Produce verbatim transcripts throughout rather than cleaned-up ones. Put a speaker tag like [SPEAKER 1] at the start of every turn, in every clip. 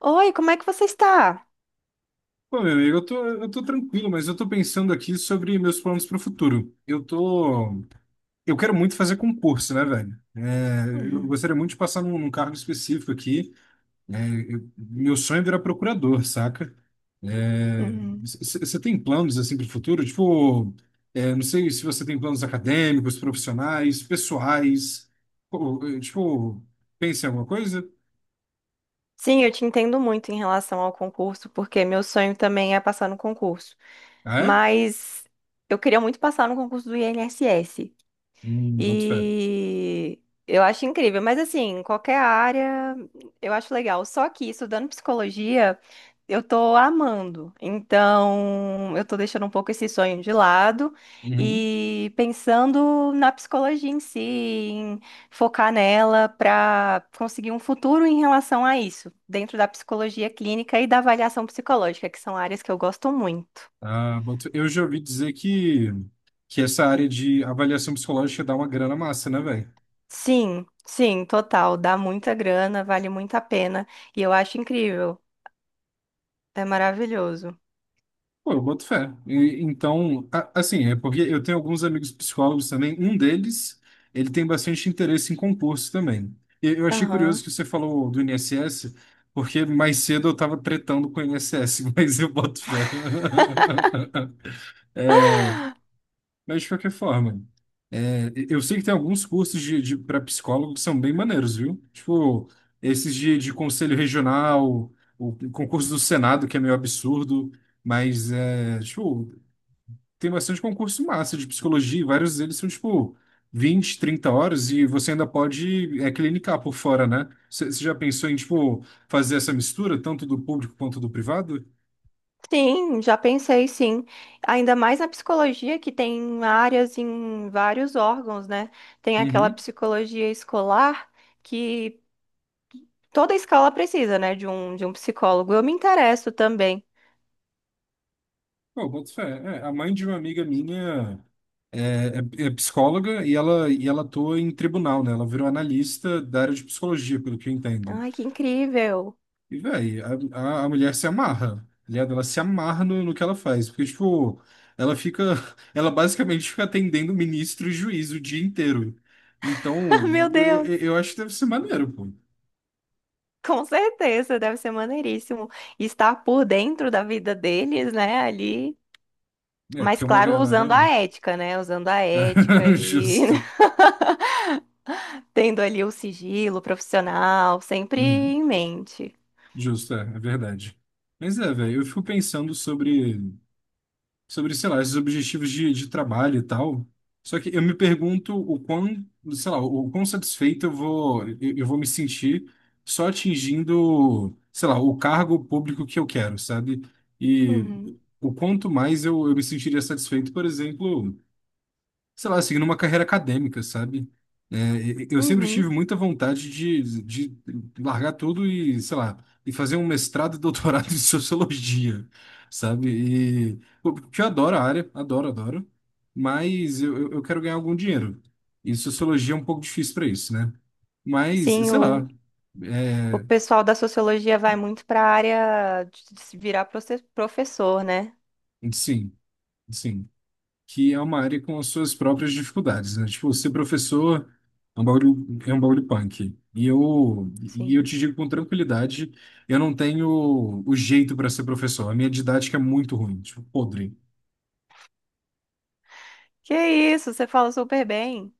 [SPEAKER 1] Oi, como é que você está?
[SPEAKER 2] Pô, meu amigo, eu tô, eu tô tranquilo, mas eu tô pensando aqui sobre meus planos para o futuro. Eu tô, eu quero muito fazer concurso, né, velho? É, eu
[SPEAKER 1] Uhum,
[SPEAKER 2] gostaria muito de passar num, num cargo específico aqui. É, eu- meu sonho é virar procurador, saca? É,
[SPEAKER 1] uhum.
[SPEAKER 2] Você tem planos assim para o futuro? Tipo, é, não sei se você tem planos acadêmicos, profissionais, pessoais. Pô, é, tipo, pensa em alguma coisa?
[SPEAKER 1] Sim, eu te entendo muito em relação ao concurso, porque meu sonho também é passar no concurso.
[SPEAKER 2] Ah, é?
[SPEAKER 1] Mas eu queria muito passar no concurso do I N S S.
[SPEAKER 2] Hum, boto fé.
[SPEAKER 1] E eu acho incrível, mas assim, em qualquer área eu acho legal. Só que estudando psicologia, eu tô amando. Então, eu tô deixando um pouco esse sonho de lado
[SPEAKER 2] Uhum.
[SPEAKER 1] e pensando na psicologia em si, em focar nela para conseguir um futuro em relação a isso, dentro da psicologia clínica e da avaliação psicológica, que são áreas que eu gosto muito.
[SPEAKER 2] Ah, boto- eu já ouvi dizer que, que essa área de avaliação psicológica dá uma grana massa, né, velho?
[SPEAKER 1] Sim, sim, total. Dá muita grana, vale muito a pena. E eu acho incrível. É maravilhoso.
[SPEAKER 2] Pô, eu boto fé. E- então, a- assim, é porque eu tenho alguns amigos psicólogos também. Um deles, ele tem bastante interesse em concurso também. E eu achei curioso
[SPEAKER 1] Aham.
[SPEAKER 2] que você falou do I N S S, porque mais cedo eu tava tretando com o I N S S, mas eu boto fé. Mas de qualquer forma, é, eu sei que tem alguns cursos de, de para psicólogo que são bem maneiros, viu? Tipo, esses de, de conselho regional, o concurso do Senado, que é meio absurdo, mas é, tipo, tem bastante concurso massa de psicologia, e vários deles são, tipo, vinte, trinta horas e você ainda pode é, clinicar por fora, né? Você já pensou em, tipo, fazer essa mistura, tanto do público quanto do privado?
[SPEAKER 1] Sim, já pensei, sim. Ainda mais na psicologia, que tem áreas em vários órgãos, né? Tem aquela psicologia escolar que toda escola precisa, né? De um, de um psicólogo. Eu me interesso também.
[SPEAKER 2] Pô, boto fé. É, a mãe de uma amiga minha é, é- é psicóloga e ela, e ela atua em tribunal, né? Ela virou analista da área de psicologia, pelo que eu entendo.
[SPEAKER 1] Ai, que incrível!
[SPEAKER 2] E, véi, a, a, a mulher se amarra, tá ligado? Ela se amarra no, no que ela faz. Porque, tipo, ela fica. Ela basicamente fica atendendo ministro e juiz o dia inteiro. Então,
[SPEAKER 1] Meu
[SPEAKER 2] eu, eu
[SPEAKER 1] Deus!
[SPEAKER 2] eu acho que deve ser maneiro, pô.
[SPEAKER 1] Com certeza, deve ser maneiríssimo estar por dentro da vida deles, né? Ali.
[SPEAKER 2] É,
[SPEAKER 1] Mas,
[SPEAKER 2] porque é uma
[SPEAKER 1] claro, usando a
[SPEAKER 2] galera.
[SPEAKER 1] ética, né? Usando a ética e
[SPEAKER 2] Justo.
[SPEAKER 1] tendo ali o sigilo profissional sempre
[SPEAKER 2] Uhum.
[SPEAKER 1] em mente.
[SPEAKER 2] Justo, é, é verdade. Mas é, velho, eu fico pensando sobre. Sobre, sei lá, esses objetivos de, de trabalho e tal. Só que eu me pergunto o quão, sei lá, o quão satisfeito eu vou, eu, eu vou me sentir só atingindo, sei lá, o cargo público que eu quero, sabe? E
[SPEAKER 1] Uhum.
[SPEAKER 2] o quanto mais eu, eu me sentiria satisfeito, por exemplo, sei lá, seguindo uma carreira acadêmica, sabe? É, e- eu sempre tive
[SPEAKER 1] Uhum.
[SPEAKER 2] muita vontade de, de largar tudo e, sei lá, e fazer um mestrado e doutorado em sociologia, sabe? E pô, porque eu adoro a área, adoro, adoro, mas eu, eu eu quero ganhar algum dinheiro. E sociologia é um pouco difícil para isso, né? Mas,
[SPEAKER 1] Sim,
[SPEAKER 2] sei
[SPEAKER 1] o,
[SPEAKER 2] lá,
[SPEAKER 1] o
[SPEAKER 2] é,
[SPEAKER 1] pessoal da sociologia vai muito para a área de de se virar proce- professor, né?
[SPEAKER 2] sim, sim. Que é uma área com as suas próprias dificuldades, né? Tipo, ser professor é um bagulho, é um bagulho punk. E eu, e eu
[SPEAKER 1] Sim.
[SPEAKER 2] te digo com tranquilidade, eu não tenho o jeito para ser professor. A minha didática é muito ruim, tipo, podre.
[SPEAKER 1] Que isso, você fala super bem.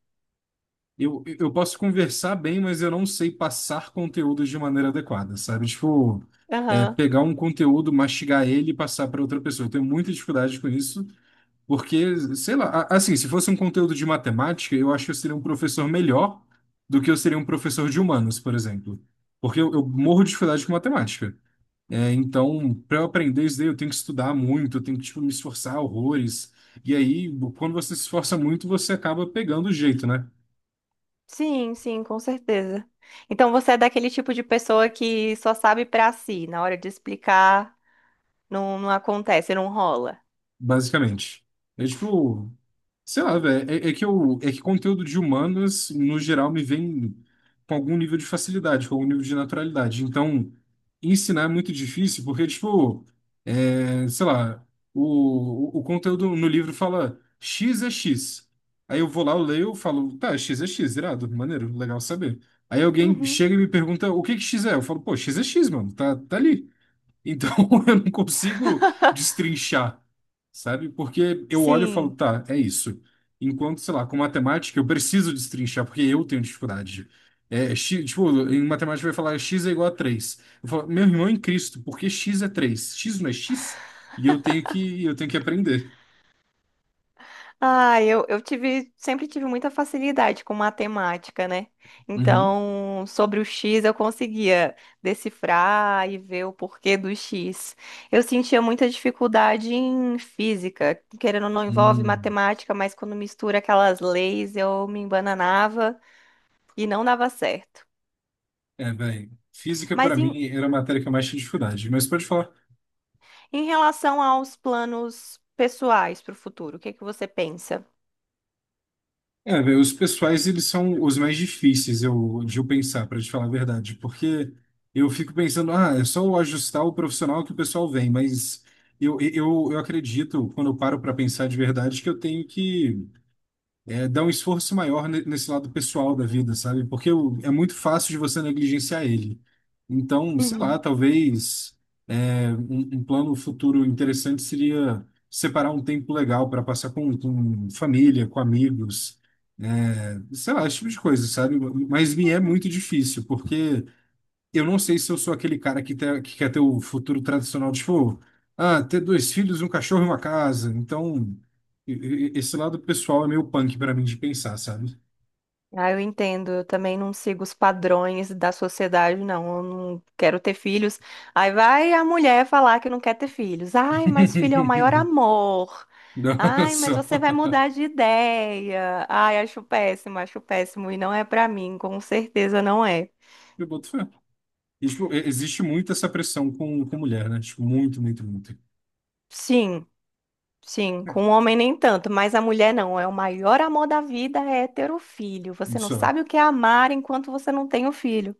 [SPEAKER 2] Eu, eu posso conversar bem, mas eu não sei passar conteúdo de maneira adequada, sabe? Tipo, é,
[SPEAKER 1] Aham.
[SPEAKER 2] pegar um conteúdo, mastigar ele e passar para outra pessoa. Eu tenho muita dificuldade com isso. Porque, sei lá, a- assim, se fosse um conteúdo de matemática, eu acho que eu seria um professor melhor do que eu seria um professor de humanos, por exemplo. Porque eu, eu morro de dificuldade com matemática. É, então, para eu aprender isso daí, eu tenho que estudar muito, eu tenho que, tipo, me esforçar horrores. E aí, quando você se esforça muito, você acaba pegando o jeito, né?
[SPEAKER 1] Sim, sim, com certeza. Então você é daquele tipo de pessoa que só sabe para si, na hora de explicar, não, não acontece, não rola.
[SPEAKER 2] Basicamente. É tipo, sei lá, velho. É, é que eu, é que conteúdo de humanas, no geral, me vem com algum nível de facilidade, com algum nível de naturalidade. Então, ensinar é muito difícil, porque, tipo, é, sei lá, o, o, o conteúdo no livro fala X é X. Aí eu vou lá, eu leio, eu falo, tá, X é X, irado, maneiro, legal saber. Aí alguém
[SPEAKER 1] Uhum.
[SPEAKER 2] chega e me pergunta o que que X é? Eu falo, pô, X é X, mano, tá, tá ali. Então eu não consigo destrinchar, sabe? Porque eu olho e falo,
[SPEAKER 1] Sim.
[SPEAKER 2] tá, é isso. Enquanto, sei lá, com matemática eu preciso destrinchar, porque eu tenho dificuldade. É, X, tipo, em matemática vai falar x é igual a três. Eu falo, meu irmão é em Cristo, por que x é três? X não é x? E eu tenho que, eu tenho que aprender.
[SPEAKER 1] Ah, eu, eu tive, sempre tive muita facilidade com matemática, né?
[SPEAKER 2] Uhum.
[SPEAKER 1] Então, sobre o X eu conseguia decifrar e ver o porquê do X. Eu sentia muita dificuldade em física, querendo ou não envolve
[SPEAKER 2] Hum.
[SPEAKER 1] matemática, mas quando mistura aquelas leis eu me embananava e não dava certo.
[SPEAKER 2] É, bem, física para
[SPEAKER 1] Mas em,
[SPEAKER 2] mim era a matéria que eu mais tinha dificuldade, mas pode falar.
[SPEAKER 1] em relação aos planos pessoais para o futuro, o que que você pensa?
[SPEAKER 2] É, velho, os pessoais, eles são os mais difíceis eu, de eu pensar, para te falar a verdade, porque eu fico pensando, ah, é só eu ajustar o profissional que o pessoal vem, mas eu, eu, eu acredito, quando eu paro para pensar de verdade, que eu tenho que é, dar um esforço maior ne- nesse lado pessoal da vida, sabe? Porque eu- é muito fácil de você negligenciar ele. Então, sei lá,
[SPEAKER 1] Uhum.
[SPEAKER 2] talvez é, um, um plano futuro interessante seria separar um tempo legal para passar com, com família, com amigos, sei lá, esse tipo de coisa, sabe? Mas me é muito difícil, porque eu não sei se eu sou aquele cara que, te- que quer ter o futuro tradicional, tipo, ah, ter dois filhos, um cachorro e uma casa. Então, e- e- esse lado pessoal é meio punk pra mim de pensar, sabe?
[SPEAKER 1] Ah, eu entendo. Eu também não sigo os padrões da sociedade, não. Eu não quero ter filhos. Aí vai a mulher falar que não quer ter filhos. Ai, mas filho é o maior amor. Ai, mas
[SPEAKER 2] Nossa,
[SPEAKER 1] você vai mudar de ideia. Ai, acho péssimo, acho péssimo. E não é pra mim, com certeza não é.
[SPEAKER 2] eu boto fé. E, tipo, e- existe muito essa pressão com, com mulher, né? Tipo, muito, muito, muito.
[SPEAKER 1] Sim, sim.
[SPEAKER 2] É,
[SPEAKER 1] Com o homem nem tanto, mas a mulher não. É o maior amor da vida é ter o filho. Você não
[SPEAKER 2] isso é.
[SPEAKER 1] sabe o que é amar enquanto você não tem o filho.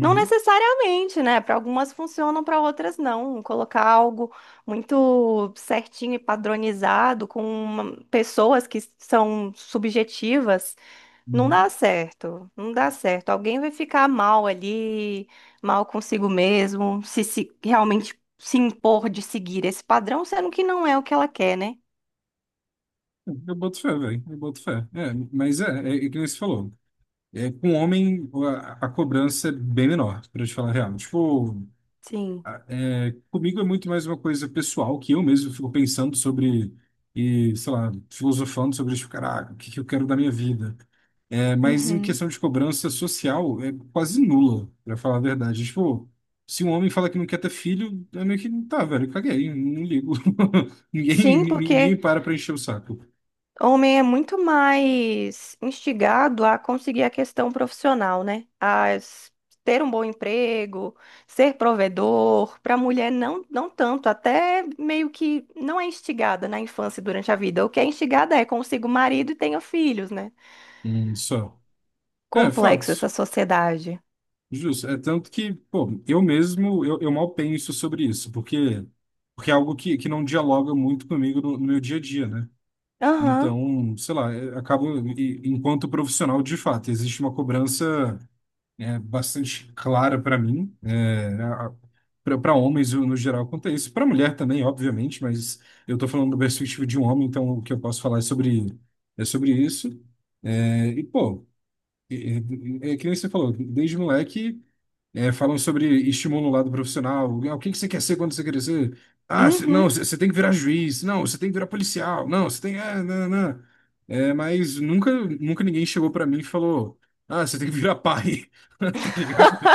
[SPEAKER 1] Não necessariamente, né? Para algumas funcionam, para outras não. Colocar algo muito certinho e padronizado com uma- pessoas que são subjetivas não
[SPEAKER 2] uhum.
[SPEAKER 1] dá certo. Não dá certo. Alguém vai ficar mal ali, mal consigo mesmo, se, se realmente se impor de seguir esse padrão, sendo que não é o que ela quer, né?
[SPEAKER 2] Eu boto fé, velho. Eu boto fé. É, mas é, é, é que nem você falou. É, com homem, a, a cobrança é bem menor, pra te falar a real. Tipo,
[SPEAKER 1] Sim.
[SPEAKER 2] a- é, comigo é muito mais uma coisa pessoal que eu mesmo fico pensando sobre e, sei lá, filosofando sobre, tipo, caraca, o que que eu quero da minha vida? É, mas em
[SPEAKER 1] Uhum.
[SPEAKER 2] questão de cobrança social, é quase nula, pra falar a verdade. Tipo, se um homem fala que não quer ter filho, é meio que, tá, velho, caguei, não ligo. Ninguém,
[SPEAKER 1] Sim,
[SPEAKER 2] ninguém ninguém
[SPEAKER 1] porque
[SPEAKER 2] para pra encher o saco.
[SPEAKER 1] homem é muito mais instigado a conseguir a questão profissional, né? A s- ter um bom emprego, ser provedor. Para a mulher, não, não tanto. Até meio que não é instigada na infância e durante a vida. O que é instigada é consiga o marido e tenha filhos, né?
[SPEAKER 2] Hum, Só. É,
[SPEAKER 1] Complexo
[SPEAKER 2] fatos.
[SPEAKER 1] essa sociedade.
[SPEAKER 2] Justo, é tanto que, pô, eu mesmo, eu, eu mal penso sobre isso, porque, porque é algo que, que não dialoga muito comigo no, no meu dia a dia, né?
[SPEAKER 1] Aham.
[SPEAKER 2] Então, sei lá, eu acabo, e- enquanto profissional, de fato, existe uma cobrança, é, bastante clara para mim, é, para homens no geral quanto a isso, para mulher também, obviamente, mas eu estou falando da perspectiva de um homem, então o que eu posso falar é sobre, é sobre isso. É, e, pô, é, é, é que nem você falou, desde moleque. É, falam sobre estímulo no lado profissional. Ah, o que que você quer ser quando você crescer? Ah, cê- não,
[SPEAKER 1] Uhum.
[SPEAKER 2] você tem que virar juiz. Não, você tem que virar policial. Não, você tem. É, não, não. É, mas nunca, nunca ninguém chegou pra mim e falou: ah, você tem que virar pai. Tá ligado?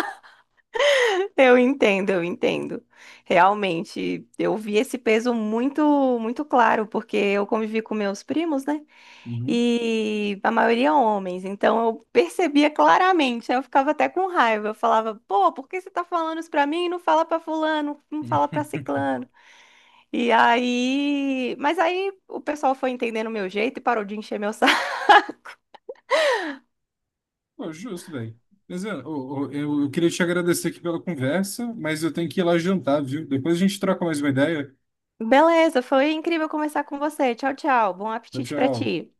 [SPEAKER 1] Eu entendo, eu entendo. Realmente, eu vi esse peso muito, muito claro, porque eu convivi com meus primos, né?
[SPEAKER 2] Uhum.
[SPEAKER 1] E a maioria homens. Então eu percebia claramente, aí eu ficava até com raiva. Eu falava, pô, por que você tá falando isso pra mim e não fala pra fulano, não fala pra ciclano? E aí, mas aí o pessoal foi entendendo o meu jeito e parou de encher meu saco.
[SPEAKER 2] Pô, justo, velho. Mas, é, ô, ô, eu, eu queria te agradecer aqui pela conversa, mas eu tenho que ir lá jantar, viu? Depois a gente troca mais uma ideia.
[SPEAKER 1] Beleza, foi incrível conversar com você. Tchau, tchau. Bom
[SPEAKER 2] Tchau,
[SPEAKER 1] apetite pra
[SPEAKER 2] tchau.
[SPEAKER 1] ti.